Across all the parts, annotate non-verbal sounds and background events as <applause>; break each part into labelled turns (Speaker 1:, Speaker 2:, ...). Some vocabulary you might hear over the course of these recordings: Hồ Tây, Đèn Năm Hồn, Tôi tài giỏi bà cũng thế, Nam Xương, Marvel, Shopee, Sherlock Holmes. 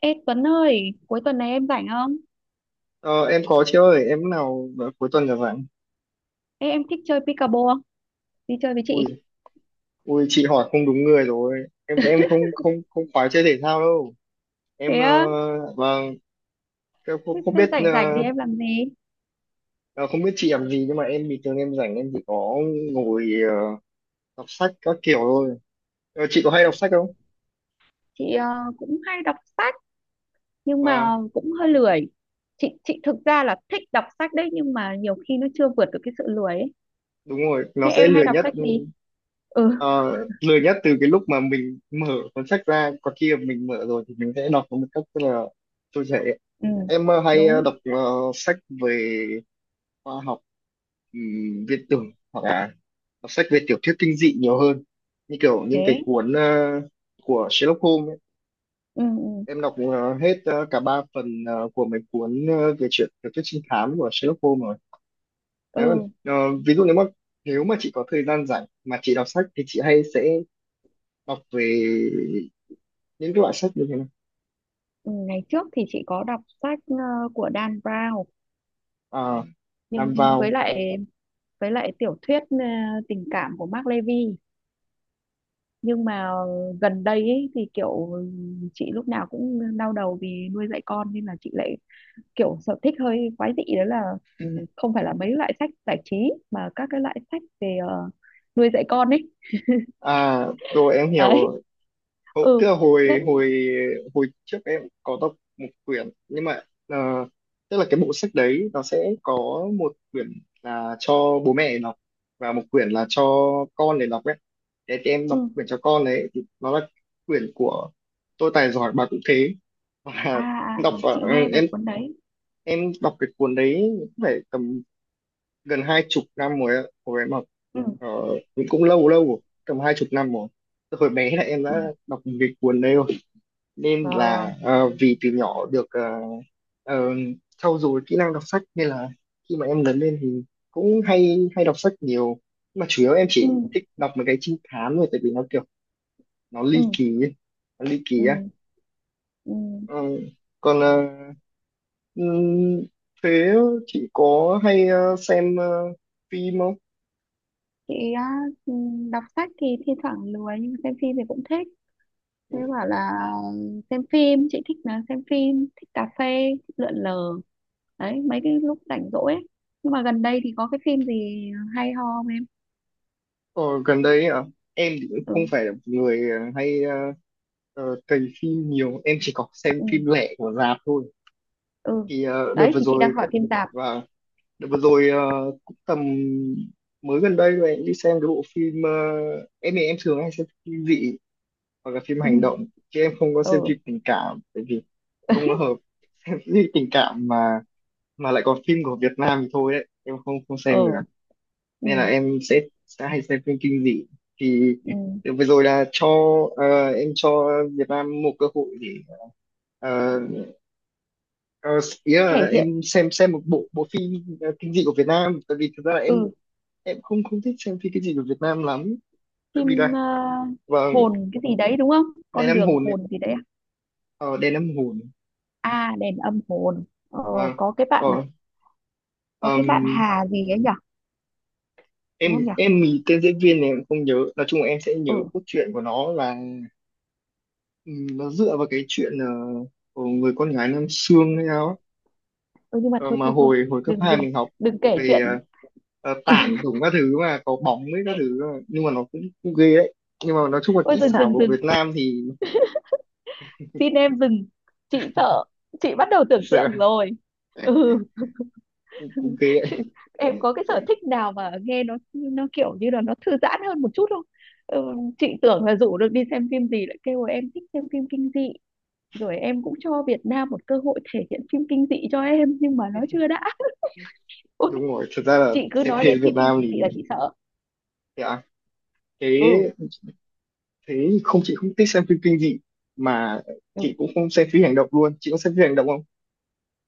Speaker 1: Ê Tuấn ơi, cuối tuần này em rảnh không?
Speaker 2: Ờ, em có chị ơi, em lúc nào vào cuối tuần rồi bạn?
Speaker 1: Ê, em thích chơi pickleball không? Đi chơi với chị.
Speaker 2: Ui, ui chị hỏi không đúng người rồi. Em không
Speaker 1: <laughs>
Speaker 2: không không khoái chơi thể thao đâu.
Speaker 1: Thế
Speaker 2: Em
Speaker 1: á?
Speaker 2: vâng, em
Speaker 1: thế,
Speaker 2: không
Speaker 1: thế
Speaker 2: biết
Speaker 1: rảnh rảnh thì em làm gì?
Speaker 2: ờ, không biết chị làm gì nhưng mà em bình thường em rảnh em chỉ có ngồi đọc sách các kiểu thôi. Chị có hay đọc sách không?
Speaker 1: Chị cũng hay đọc sách nhưng
Speaker 2: Và
Speaker 1: mà cũng hơi lười. Chị thực ra là thích đọc sách đấy, nhưng mà nhiều khi nó chưa vượt được cái sự lười ấy.
Speaker 2: đúng rồi, nó
Speaker 1: Thế
Speaker 2: sẽ
Speaker 1: em hay đọc sách gì? Ừ,
Speaker 2: ờ, lười nhất từ cái lúc mà mình mở cuốn sách ra, còn khi mà mình mở rồi thì mình sẽ đọc nó một cách rất là trôi chảy.
Speaker 1: ừ,
Speaker 2: Em hay
Speaker 1: đúng.
Speaker 2: đọc sách về khoa học, viết tưởng hoặc là đọc sách về tiểu thuyết kinh dị nhiều hơn, như kiểu những cái
Speaker 1: Thế.
Speaker 2: cuốn của Sherlock Holmes ấy.
Speaker 1: Ừ, ừ,
Speaker 2: Em đọc hết cả ba phần của mấy cuốn về chuyện tiểu thuyết trinh thám của Sherlock Holmes rồi. Nếu còn
Speaker 1: ừ.
Speaker 2: ví dụ nếu mà chị có thời gian rảnh mà chị đọc sách thì chị hay sẽ đọc về những cái loại sách như thế này.
Speaker 1: Ừ, ngày trước thì chị có đọc sách của Dan Brown,
Speaker 2: À,
Speaker 1: nhưng
Speaker 2: làm vào.
Speaker 1: với lại tiểu thuyết tình cảm của Mark Levy, nhưng mà gần đây ấy, thì kiểu chị lúc nào cũng đau đầu vì nuôi dạy con, nên là chị lại kiểu sở thích hơi quái dị, đó là không phải là mấy loại sách giải trí mà các cái loại sách về nuôi dạy con ấy.
Speaker 2: À, rồi em
Speaker 1: <laughs> Đấy.
Speaker 2: hiểu. Ồ,
Speaker 1: Ừ,
Speaker 2: tức là hồi
Speaker 1: nên
Speaker 2: hồi hồi trước em có đọc một quyển nhưng mà ờ, tức là cái bộ sách đấy nó sẽ có một quyển là cho bố mẹ đọc và một quyển là cho con để đọc ấy. Thế thì em
Speaker 1: ừ.
Speaker 2: đọc quyển cho con đấy thì nó là quyển của Tôi tài giỏi bà cũng thế và
Speaker 1: À, à
Speaker 2: <laughs> đọc
Speaker 1: ừ,
Speaker 2: ở,
Speaker 1: chị
Speaker 2: ừ,
Speaker 1: nghe về
Speaker 2: em
Speaker 1: cuốn đấy.
Speaker 2: em đọc cái cuốn đấy cũng phải tầm gần 20 năm rồi ạ. Hồi em học
Speaker 1: Ừ.
Speaker 2: ờ, cũng cũng lâu lâu rồi, tầm 20 năm rồi. Từ hồi bé là em
Speaker 1: Ừ.
Speaker 2: đã đọc cái cuốn đấy rồi, nên
Speaker 1: Ờ,
Speaker 2: là vì từ nhỏ được ờ, trau dồi kỹ năng đọc sách nên là khi mà em lớn lên thì cũng hay hay đọc sách nhiều. Nhưng mà chủ yếu em
Speaker 1: ừ,
Speaker 2: chỉ thích đọc mấy cái trinh thám thôi, tại vì nó kiểu nó
Speaker 1: ừ,
Speaker 2: ly kỳ ấy. Nó ly kỳ
Speaker 1: ừ,
Speaker 2: á.
Speaker 1: ừ.
Speaker 2: Ờ, Còn ừm, thế chị có hay xem phim không?
Speaker 1: Chị á, ừ, đọc sách thì thi thoảng lười, nhưng xem phim thì cũng thích. Thế
Speaker 2: Ừ.
Speaker 1: bảo là xem phim chị thích là xem phim, thích cà phê, thích lượn lờ, đấy mấy cái lúc rảnh rỗi ấy. Nhưng mà gần đây thì có cái phim gì hay ho không em?
Speaker 2: Ờ, Gần đây à, em thì cũng
Speaker 1: Ừ.
Speaker 2: không phải là một người hay cày phim nhiều, em chỉ có xem
Speaker 1: Ừ.
Speaker 2: phim lẻ của rạp thôi.
Speaker 1: Ừ.
Speaker 2: Thì
Speaker 1: Đấy thì chị đang hỏi phim tạp.
Speaker 2: và đợt vừa rồi cũng tầm mới gần đây rồi em đi xem cái bộ phim, em thì em thường hay xem phim dị hoặc là phim
Speaker 1: Ừ.
Speaker 2: hành động chứ em không có xem
Speaker 1: Ừ.
Speaker 2: phim tình cảm, tại vì không có hợp. <laughs> Phim tình cảm mà lại còn phim của Việt Nam thì thôi đấy, em không không xem được
Speaker 1: Ừ.
Speaker 2: à.
Speaker 1: Ừ,
Speaker 2: Nên là em sẽ hay xem phim kinh dị thì
Speaker 1: ừ.
Speaker 2: đợt vừa rồi là cho em cho Việt Nam một cơ hội để ờ, Ờ, ý
Speaker 1: Thể
Speaker 2: là
Speaker 1: hiện.
Speaker 2: em xem một bộ bộ phim kinh dị của Việt Nam, tại vì thực ra là em
Speaker 1: Ừ.
Speaker 2: em không không thích xem phim kinh dị của Việt Nam lắm, tại
Speaker 1: Phim
Speaker 2: vì là vâng.
Speaker 1: hồn cái gì đấy đúng không?
Speaker 2: Đèn
Speaker 1: Con
Speaker 2: Năm
Speaker 1: đường
Speaker 2: Hồn ấy.
Speaker 1: hồn gì đấy à?
Speaker 2: Ờ Đèn Năm Hồn.
Speaker 1: À, đèn âm hồn. Ờ,
Speaker 2: Vâng.
Speaker 1: có cái
Speaker 2: ờ
Speaker 1: bạn à, có cái bạn
Speaker 2: ừm,
Speaker 1: Hà gì ấy nhỉ, đúng không
Speaker 2: em
Speaker 1: nhỉ?
Speaker 2: em thì tên diễn viên này em không nhớ, nói chung là em sẽ nhớ
Speaker 1: Ừ,
Speaker 2: cốt truyện của nó là, nó dựa vào cái chuyện của người con gái Nam Xương hay sao á.
Speaker 1: ừ, nhưng mà
Speaker 2: Ờ,
Speaker 1: thôi
Speaker 2: mà
Speaker 1: thôi thôi,
Speaker 2: hồi hồi cấp
Speaker 1: đừng
Speaker 2: 2
Speaker 1: đừng
Speaker 2: mình học
Speaker 1: đừng kể
Speaker 2: về
Speaker 1: chuyện.
Speaker 2: tản đủ các thứ mà có bóng với các thứ mà. Nhưng mà nó cũng ghê đấy, nhưng mà nói chung là
Speaker 1: Ôi,
Speaker 2: kỹ
Speaker 1: dừng
Speaker 2: xảo
Speaker 1: dừng
Speaker 2: của
Speaker 1: dừng
Speaker 2: Việt Nam thì
Speaker 1: xin em dừng, chị sợ, chị bắt đầu tưởng
Speaker 2: sợ là
Speaker 1: tượng
Speaker 2: <laughs>
Speaker 1: rồi. Ừ.
Speaker 2: cũng
Speaker 1: <laughs>
Speaker 2: ghê
Speaker 1: Chị- em có cái sở
Speaker 2: đấy.
Speaker 1: thích nào mà nghe nó kiểu như là nó thư giãn hơn một chút không? Ừ, chị tưởng là rủ được đi xem phim gì, lại kêu là em thích xem phim kinh dị, rồi em cũng cho Việt Nam một cơ hội thể hiện phim kinh dị cho em nhưng mà nó chưa đã. <laughs> Ôi,
Speaker 2: Đúng rồi, thật ra là
Speaker 1: chị cứ
Speaker 2: xem
Speaker 1: nói
Speaker 2: phim
Speaker 1: đến
Speaker 2: Việt
Speaker 1: phim kinh
Speaker 2: Nam thì
Speaker 1: dị là chị sợ.
Speaker 2: thế à, thế
Speaker 1: Ừ,
Speaker 2: thế thì không, chị không thích xem phim kinh dị mà, chị
Speaker 1: ừ.
Speaker 2: cũng không xem phim hành động luôn, chị có xem phim hành động không?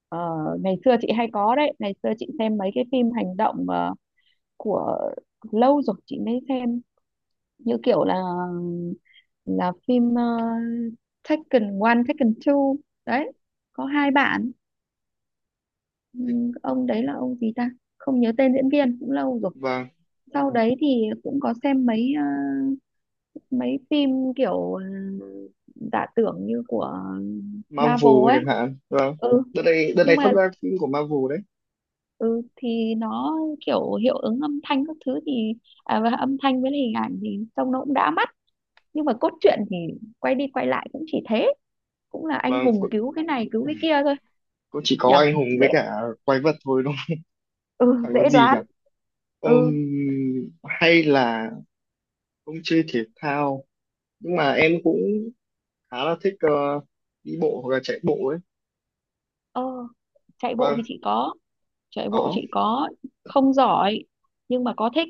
Speaker 1: Ờ, ngày xưa chị hay có đấy, ngày xưa chị xem mấy cái phim hành động của, lâu rồi chị mới xem, như kiểu là phim Taken 1, Taken 2, đấy có hai bạn. Ông đấy là ông gì ta, không nhớ tên diễn viên, cũng lâu rồi.
Speaker 2: Vâng.
Speaker 1: Sau đấy thì cũng có xem mấy mấy phim kiểu giả tưởng như của Marvel
Speaker 2: Marvel
Speaker 1: ấy.
Speaker 2: chẳng hạn, vâng.
Speaker 1: Ừ,
Speaker 2: Đợt này
Speaker 1: nhưng
Speaker 2: phát
Speaker 1: mà
Speaker 2: ra phim của Marvel đấy.
Speaker 1: ừ thì nó kiểu hiệu ứng âm thanh các thứ thì, à, và âm thanh với hình ảnh thì trông nó cũng đã mắt, nhưng mà cốt truyện thì quay đi quay lại cũng chỉ thế, cũng là anh
Speaker 2: Vâng,
Speaker 1: hùng
Speaker 2: cũng
Speaker 1: cứu cái này cứu cái kia thôi.
Speaker 2: cũng chỉ có
Speaker 1: Nhở,
Speaker 2: anh hùng với
Speaker 1: dễ.
Speaker 2: cả quái vật thôi, đúng
Speaker 1: Ừ,
Speaker 2: không, chẳng có
Speaker 1: dễ
Speaker 2: gì nhỉ.
Speaker 1: đoán. Ừ.
Speaker 2: Hay là ông chơi thể thao, nhưng mà em cũng khá là thích đi bộ hoặc là chạy bộ ấy.
Speaker 1: Ờ, chạy bộ thì
Speaker 2: Vâng.
Speaker 1: chị có, chạy bộ
Speaker 2: Đó.
Speaker 1: chị có, không giỏi nhưng mà có thích.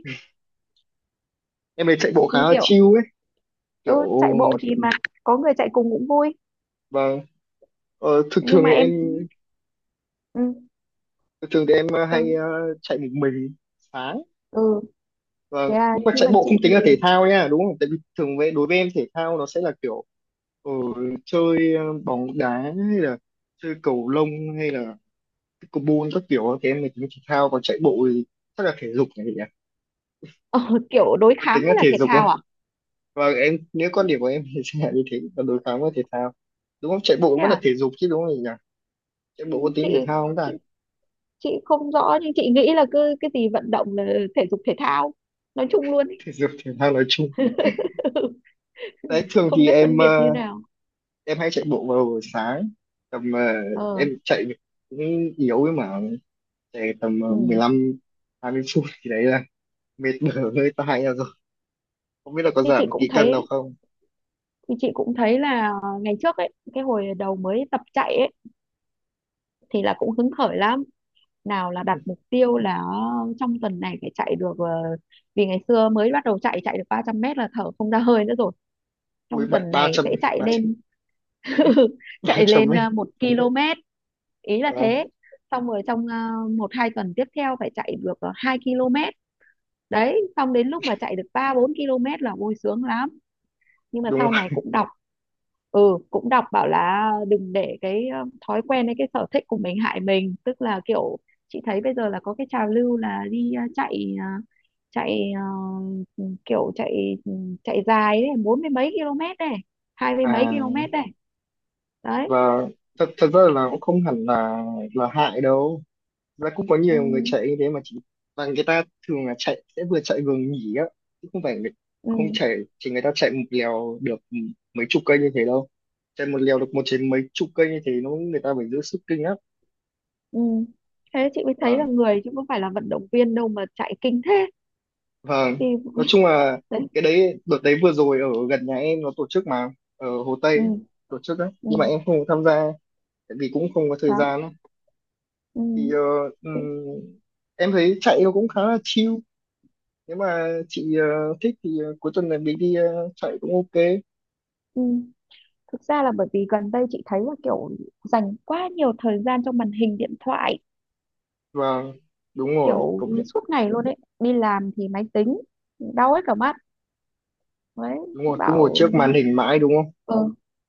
Speaker 2: Em ấy chạy bộ khá
Speaker 1: Nhưng
Speaker 2: là
Speaker 1: kiểu,
Speaker 2: chill ấy,
Speaker 1: ừ,
Speaker 2: kiểu.
Speaker 1: chạy bộ thì mà có người chạy cùng cũng vui.
Speaker 2: Vâng. ờ, thường
Speaker 1: Nhưng
Speaker 2: thường
Speaker 1: mà
Speaker 2: thì em
Speaker 1: em, ừ,
Speaker 2: Thường thường thì em hay
Speaker 1: thường.
Speaker 2: chạy một mình sáng.
Speaker 1: Ừ, thế
Speaker 2: Vâng,
Speaker 1: à.
Speaker 2: nhưng mà
Speaker 1: Nhưng
Speaker 2: chạy
Speaker 1: mà
Speaker 2: bộ
Speaker 1: chị
Speaker 2: không
Speaker 1: thì
Speaker 2: tính là thể thao nha, đúng không? Tại vì thường đối với em thể thao nó sẽ là kiểu ờ, chơi bóng đá hay là chơi cầu lông hay là pickleball các kiểu thì em mới tính thể thao, còn chạy bộ thì chắc là thể dục nhỉ.
Speaker 1: ờ, kiểu đối
Speaker 2: Có
Speaker 1: kháng
Speaker 2: tính là
Speaker 1: mới là
Speaker 2: thể
Speaker 1: thể
Speaker 2: dục không,
Speaker 1: thao à?
Speaker 2: và em nếu quan điểm của em thì sẽ là như thế, còn đối kháng với thể thao đúng không, chạy bộ cũng
Speaker 1: Thế
Speaker 2: vẫn là
Speaker 1: à.
Speaker 2: thể dục chứ đúng không nhỉ? Chạy
Speaker 1: Ừ,
Speaker 2: bộ có tính
Speaker 1: chị
Speaker 2: thể thao không ta?
Speaker 1: chị chị không rõ, nhưng chị nghĩ là cứ cái gì vận động là thể dục thể thao nói chung luôn
Speaker 2: <laughs>
Speaker 1: ý.
Speaker 2: Thể dục thể thao nói chung
Speaker 1: <laughs>
Speaker 2: đấy. Thường
Speaker 1: Không
Speaker 2: thì
Speaker 1: biết phân biệt như nào.
Speaker 2: em hay chạy bộ vào buổi sáng tầm em
Speaker 1: Ờ.
Speaker 2: chạy cũng yếu ấy mà, chạy tầm mười
Speaker 1: Ừ.
Speaker 2: lăm 20 phút thì đấy là mệt mỏi, <laughs> hơi tai ra rồi, không biết là có
Speaker 1: Thì
Speaker 2: giảm
Speaker 1: chị
Speaker 2: được
Speaker 1: cũng
Speaker 2: ký cân nào
Speaker 1: thấy,
Speaker 2: không.
Speaker 1: là ngày trước ấy, cái hồi đầu mới tập chạy ấy, thì là cũng hứng khởi lắm, nào là đặt mục tiêu là trong tuần này phải chạy được vì ngày xưa mới bắt đầu chạy, chạy được 300 mét là thở không ra hơi nữa rồi,
Speaker 2: Ui
Speaker 1: trong
Speaker 2: bệnh
Speaker 1: tuần
Speaker 2: ba
Speaker 1: này
Speaker 2: trăm
Speaker 1: sẽ
Speaker 2: <laughs>
Speaker 1: chạy
Speaker 2: ba
Speaker 1: lên, <laughs>
Speaker 2: ba
Speaker 1: chạy
Speaker 2: trăm
Speaker 1: lên
Speaker 2: ấy.
Speaker 1: một km, ý là
Speaker 2: Ờ,
Speaker 1: thế, xong rồi trong một hai tuần tiếp theo phải chạy được 2 km, đấy xong đến lúc mà chạy được 3 4 km là vui sướng lắm. Nhưng mà
Speaker 2: đúng
Speaker 1: sau này
Speaker 2: rồi.
Speaker 1: cũng đọc, ừ, cũng đọc bảo là đừng để cái thói quen hay cái sở thích của mình hại mình, tức là kiểu, chị thấy bây giờ là có cái trào lưu là đi chạy chạy kiểu chạy chạy dài đấy, bốn mươi mấy km này, hai mươi mấy
Speaker 2: à
Speaker 1: km này. Đấy.
Speaker 2: và thật thật ra là
Speaker 1: Thế,
Speaker 2: cũng không hẳn là hại đâu. Thật ra cũng có
Speaker 1: ừ,
Speaker 2: nhiều người chạy như thế mà chỉ, và người ta thường là chạy sẽ vừa chạy vừa nghỉ á, chứ không phải không
Speaker 1: ừ,
Speaker 2: chạy chỉ, người ta chạy một lèo được mấy chục cây như thế đâu. Chạy một lèo được một trên mấy chục cây như thế nó, người ta phải giữ sức kinh lắm.
Speaker 1: ừ. Thế chị mới thấy là
Speaker 2: Vâng,
Speaker 1: người chứ không phải là vận động viên đâu mà chạy kinh thế.
Speaker 2: vâng,
Speaker 1: Thì,
Speaker 2: nói chung là
Speaker 1: đấy,
Speaker 2: cái đấy đợt đấy vừa rồi ở gần nhà em nó tổ chức mà, ở Hồ Tây ấy,
Speaker 1: ừ,
Speaker 2: tổ chức đấy nhưng mà
Speaker 1: ừ,
Speaker 2: em không có tham gia tại vì cũng không có thời
Speaker 1: đó.
Speaker 2: gian ấy.
Speaker 1: Ừ,
Speaker 2: thì ờ,
Speaker 1: thế,
Speaker 2: ừm, em thấy chạy nó cũng khá là chill, nếu mà chị thích thì cuối tuần này mình đi chạy cũng ok.
Speaker 1: ừ. Thực ra là bởi vì gần đây chị thấy là kiểu dành quá nhiều thời gian cho màn hình điện thoại,
Speaker 2: Vâng, đúng rồi
Speaker 1: kiểu
Speaker 2: cũng,
Speaker 1: suốt ngày luôn ấy, đi làm thì máy tính, đau hết cả mắt, đấy,
Speaker 2: đúng rồi, cứ ngồi
Speaker 1: bảo,
Speaker 2: trước màn hình mãi đúng không?
Speaker 1: ờ.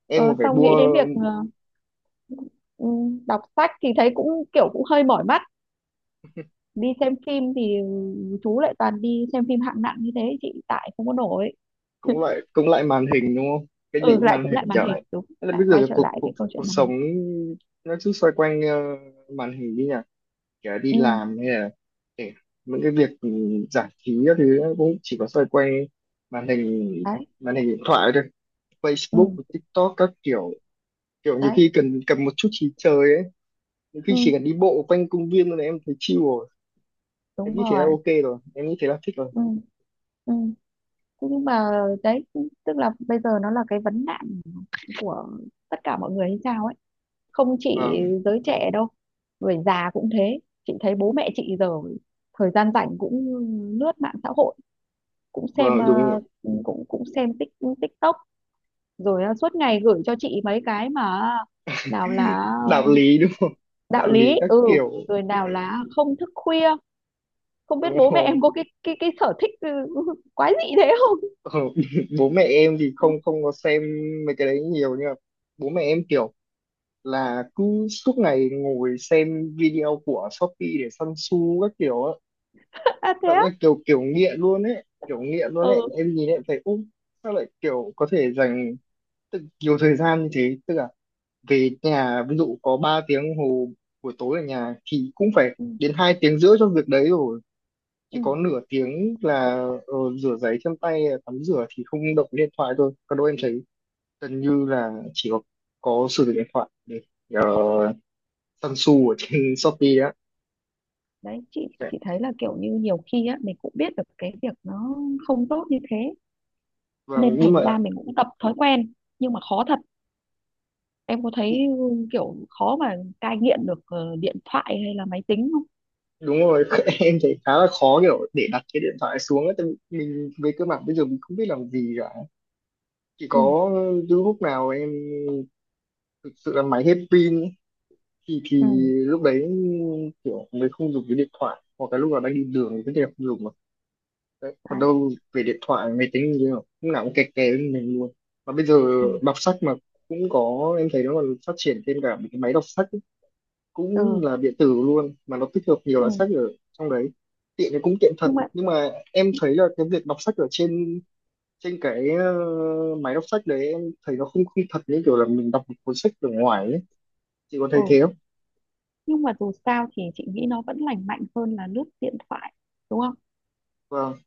Speaker 2: Em
Speaker 1: Ờ,
Speaker 2: còn phải
Speaker 1: xong nghĩ
Speaker 2: mua.
Speaker 1: đến việc ừ, đọc sách thì thấy cũng kiểu cũng hơi mỏi mắt, đi xem phim thì chú lại toàn đi xem phim hạng nặng như thế, chị tại không có nổi.
Speaker 2: Cũng lại màn hình đúng không, cái gì
Speaker 1: Ừ,
Speaker 2: cũng
Speaker 1: lại
Speaker 2: màn
Speaker 1: cũng
Speaker 2: hình
Speaker 1: lại màn
Speaker 2: trở.
Speaker 1: hình đúng,
Speaker 2: Thế là
Speaker 1: lại
Speaker 2: bây
Speaker 1: quay
Speaker 2: giờ
Speaker 1: trở
Speaker 2: cuộc
Speaker 1: lại
Speaker 2: cuộc
Speaker 1: cái câu
Speaker 2: cuộc
Speaker 1: chuyện màn
Speaker 2: sống
Speaker 1: hình.
Speaker 2: nó cứ xoay quanh màn hình đi nhỉ, kể là đi
Speaker 1: Ừ.
Speaker 2: làm hay là kể những cái việc giải trí các thứ cũng chỉ có xoay quanh màn hình,
Speaker 1: Đấy.
Speaker 2: màn hình điện thoại thôi, Facebook
Speaker 1: Ừ.
Speaker 2: TikTok các kiểu, kiểu nhiều
Speaker 1: Đấy.
Speaker 2: khi cần cần một chút trí chơi ấy. Nhiều khi
Speaker 1: Ừ.
Speaker 2: chỉ cần đi bộ quanh công viên thôi là em thấy chill rồi. Em
Speaker 1: Đúng
Speaker 2: nghĩ thế là
Speaker 1: rồi.
Speaker 2: ok rồi. Em nghĩ thế là thích rồi.
Speaker 1: Ừ. Ừ. Thế nhưng mà, đấy, tức là bây giờ nó là cái vấn nạn của tất cả mọi người hay sao ấy, không chỉ
Speaker 2: Vâng,
Speaker 1: giới trẻ đâu, người già cũng thế. Chị thấy bố mẹ chị giờ thời gian rảnh cũng lướt mạng xã hội, cũng xem
Speaker 2: vâng,
Speaker 1: ờ,
Speaker 2: đúng rồi.
Speaker 1: cũng cũng xem TikTok, rồi suốt ngày gửi cho chị mấy cái mà nào là
Speaker 2: Đạo lý <laughs> đúng không?
Speaker 1: đạo
Speaker 2: Đạo
Speaker 1: lý,
Speaker 2: lý các
Speaker 1: ừ,
Speaker 2: kiểu.
Speaker 1: rồi nào là không thức khuya. Không biết
Speaker 2: Đúng
Speaker 1: bố mẹ
Speaker 2: rồi.
Speaker 1: em có cái cái sở thích <laughs> quái dị thế không.
Speaker 2: Ờ, <laughs> bố mẹ em thì không không có xem mấy cái đấy nhiều, nhưng mà bố mẹ em kiểu là cứ suốt ngày ngồi xem video của Shopee để săn xu các kiểu á.
Speaker 1: <laughs> À thế
Speaker 2: Thật
Speaker 1: á.
Speaker 2: là kiểu kiểu nghiện luôn ấy. Kiểu nghiện luôn ấy.
Speaker 1: Ừ.
Speaker 2: Em nhìn em thấy ú, sao lại kiểu có thể dành nhiều thời gian như thế. Tức là về nhà ví dụ có 3 tiếng hồ buổi tối ở nhà thì cũng phải
Speaker 1: Ừ.
Speaker 2: đến 2 tiếng rưỡi cho việc đấy rồi, chỉ
Speaker 1: Ừ.
Speaker 2: có nửa tiếng là rửa giấy chân tay tắm rửa thì không động điện thoại thôi, còn đâu em thấy gần như là có sử dụng điện thoại để uh, săn su ở trên <laughs> Shopee á.
Speaker 1: Đấy, chị
Speaker 2: Đấy.
Speaker 1: chị thấy là kiểu như nhiều khi á, mình cũng biết được cái việc nó không tốt như thế, nên
Speaker 2: Nhưng
Speaker 1: thành
Speaker 2: mà
Speaker 1: ra mình cũng tập thói quen. Nhưng mà khó thật, em có thấy, ừ, kiểu khó mà cai nghiện được điện thoại hay là máy tính không?
Speaker 2: đúng rồi, <laughs> em thấy khá là khó kiểu để đặt cái điện thoại xuống á, tại vì mình về cơ bản bây giờ mình không biết làm gì cả. Chỉ
Speaker 1: Ừ.
Speaker 2: có những lúc nào em thực sự là máy hết pin thì
Speaker 1: Ừ.
Speaker 2: lúc đấy kiểu mới không dùng cái điện thoại, hoặc cái lúc nào đang đi đường thì tất nhiên là không dùng mà, đấy. Còn
Speaker 1: Đấy.
Speaker 2: đâu về điện thoại máy tính như thế nào lúc nào cũng kè kè với mình luôn, mà bây giờ
Speaker 1: Ừ.
Speaker 2: đọc sách mà cũng có, em thấy nó còn phát triển thêm cả một cái máy đọc sách ấy. Cũng
Speaker 1: Ừ,
Speaker 2: là điện tử luôn mà nó tích hợp nhiều
Speaker 1: ừ.
Speaker 2: loại sách ở trong đấy, tiện thì cũng tiện thật,
Speaker 1: Nhưng mà
Speaker 2: nhưng mà em thấy là cái việc đọc sách ở trên trên cái máy đọc sách đấy em thấy nó không không thật như kiểu là mình đọc một cuốn sách ở ngoài ấy, chị có thấy
Speaker 1: ừ,
Speaker 2: thế không?
Speaker 1: nhưng mà dù sao thì chị nghĩ nó vẫn lành mạnh hơn là lướt điện thoại, đúng không?
Speaker 2: Vâng.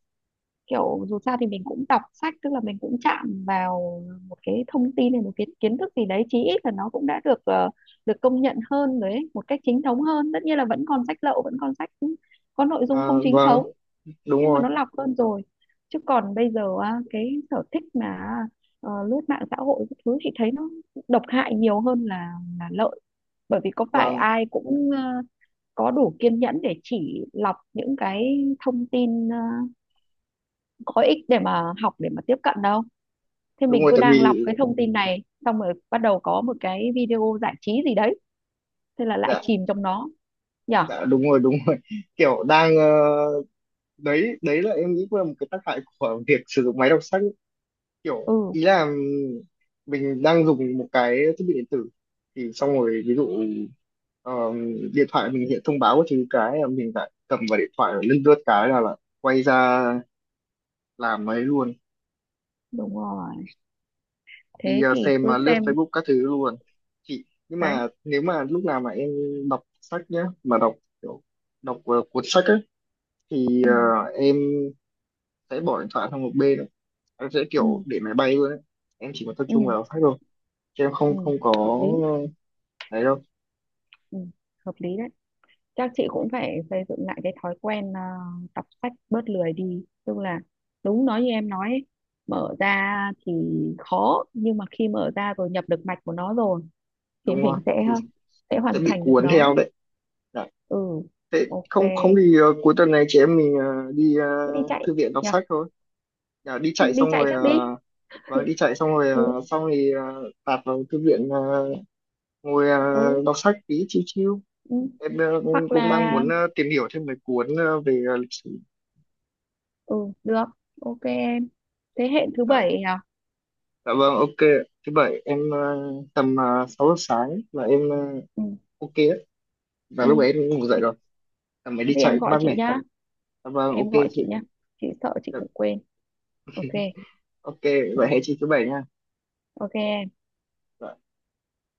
Speaker 1: Kiểu dù sao thì mình cũng đọc sách, tức là mình cũng chạm vào một cái thông tin này, một cái kiến thức gì đấy, chí ít là nó cũng đã được được công nhận hơn đấy, một cách chính thống hơn. Tất nhiên là vẫn còn sách lậu, vẫn còn sách có nội dung
Speaker 2: À,
Speaker 1: không chính
Speaker 2: vâng
Speaker 1: thống,
Speaker 2: đúng
Speaker 1: nhưng mà
Speaker 2: rồi.
Speaker 1: nó lọc hơn rồi. Chứ còn bây giờ á, cái sở thích mà lướt mạng xã hội các thứ, chị thấy nó độc hại nhiều hơn là lợi, bởi vì có phải
Speaker 2: Vâng
Speaker 1: ai cũng có đủ kiên nhẫn để chỉ lọc những cái thông tin có ích để mà học, để mà tiếp cận đâu. Thế
Speaker 2: đúng
Speaker 1: mình
Speaker 2: rồi
Speaker 1: cứ
Speaker 2: tại
Speaker 1: đang lọc
Speaker 2: vì.
Speaker 1: cái thông tin này, xong rồi bắt đầu có một cái video giải trí gì đấy, thế là lại
Speaker 2: Dạ.
Speaker 1: chìm trong nó, nhở.
Speaker 2: Dạ đúng rồi đúng rồi, <laughs> kiểu đang đấy, là em nghĩ cũng là một cái tác hại của <laughs> việc sử dụng máy đọc sách ấy, kiểu
Speaker 1: Ừ.
Speaker 2: ý là mình đang dùng một cái thiết bị điện tử thì xong rồi, ví dụ ờ, điện thoại mình hiện thông báo của thứ cái là mình lại cầm vào điện thoại rồi lướt lướt cái là lại quay ra làm ấy luôn,
Speaker 1: Đúng rồi.
Speaker 2: đi
Speaker 1: Thế thì
Speaker 2: xem
Speaker 1: cứ
Speaker 2: lướt
Speaker 1: xem.
Speaker 2: Facebook các thứ luôn. Chị nhưng
Speaker 1: Đấy.
Speaker 2: mà nếu mà lúc nào mà em đọc sách nhá, mà kiểu đọc cuốn sách ấy, thì
Speaker 1: Ừ.
Speaker 2: em sẽ bỏ điện thoại sang một bên, em sẽ
Speaker 1: Ừ.
Speaker 2: kiểu để máy bay luôn ấy. Em chỉ có tập
Speaker 1: Ừ.
Speaker 2: trung vào sách thôi, chứ em
Speaker 1: Ừ,
Speaker 2: không không
Speaker 1: hợp
Speaker 2: có
Speaker 1: lý.
Speaker 2: đấy đâu.
Speaker 1: Ừ, hợp lý đấy. Chắc chị
Speaker 2: Dạ,
Speaker 1: cũng phải xây dựng lại cái thói quen đọc sách, bớt lười đi. Tức là đúng nói như em nói ấy, mở ra thì khó, nhưng mà khi mở ra rồi, nhập được mạch của nó rồi, thì
Speaker 2: đúng rồi,
Speaker 1: mình sẽ
Speaker 2: thì
Speaker 1: sẽ
Speaker 2: sẽ
Speaker 1: hoàn
Speaker 2: bị
Speaker 1: thành được
Speaker 2: cuốn theo
Speaker 1: nó.
Speaker 2: đấy. Dạ.
Speaker 1: Ừ,
Speaker 2: Thế
Speaker 1: ok,
Speaker 2: không không thì cuối tuần này chị em mình đi
Speaker 1: cứ đi chạy
Speaker 2: thư viện đọc
Speaker 1: nhỉ,
Speaker 2: sách thôi. Dạ, đi chạy
Speaker 1: đi
Speaker 2: xong
Speaker 1: chạy
Speaker 2: rồi
Speaker 1: trước đi.
Speaker 2: đi chạy xong rồi
Speaker 1: Ừ,
Speaker 2: xong thì tạt vào thư viện ngồi
Speaker 1: ừ,
Speaker 2: đọc sách tí chiêu chill.
Speaker 1: ừ.
Speaker 2: Em
Speaker 1: Hoặc
Speaker 2: cũng đang
Speaker 1: là,
Speaker 2: muốn tìm hiểu thêm mấy cuốn về lịch sử.
Speaker 1: ừ, được, ok em. Thế hệ thứ
Speaker 2: Dạ.
Speaker 1: bảy nhỉ?
Speaker 2: Dạ vâng, ok. Thứ bảy em tầm 6 giờ sáng là em
Speaker 1: Ừ.
Speaker 2: ok đấy. Và
Speaker 1: Ừ.
Speaker 2: lúc ấy em ngủ dậy
Speaker 1: Thế
Speaker 2: rồi. Tầm mới
Speaker 1: có
Speaker 2: đi
Speaker 1: gì em
Speaker 2: chạy
Speaker 1: gọi
Speaker 2: mát
Speaker 1: chị
Speaker 2: mẻ.
Speaker 1: nhá,
Speaker 2: Dạ vâng, ok
Speaker 1: em gọi chị
Speaker 2: chị.
Speaker 1: nhá, chị sợ chị
Speaker 2: Được.
Speaker 1: cũng quên. Ok.
Speaker 2: Ok, vậy hẹn chị thứ bảy nha.
Speaker 1: Ok em.
Speaker 2: Dạ.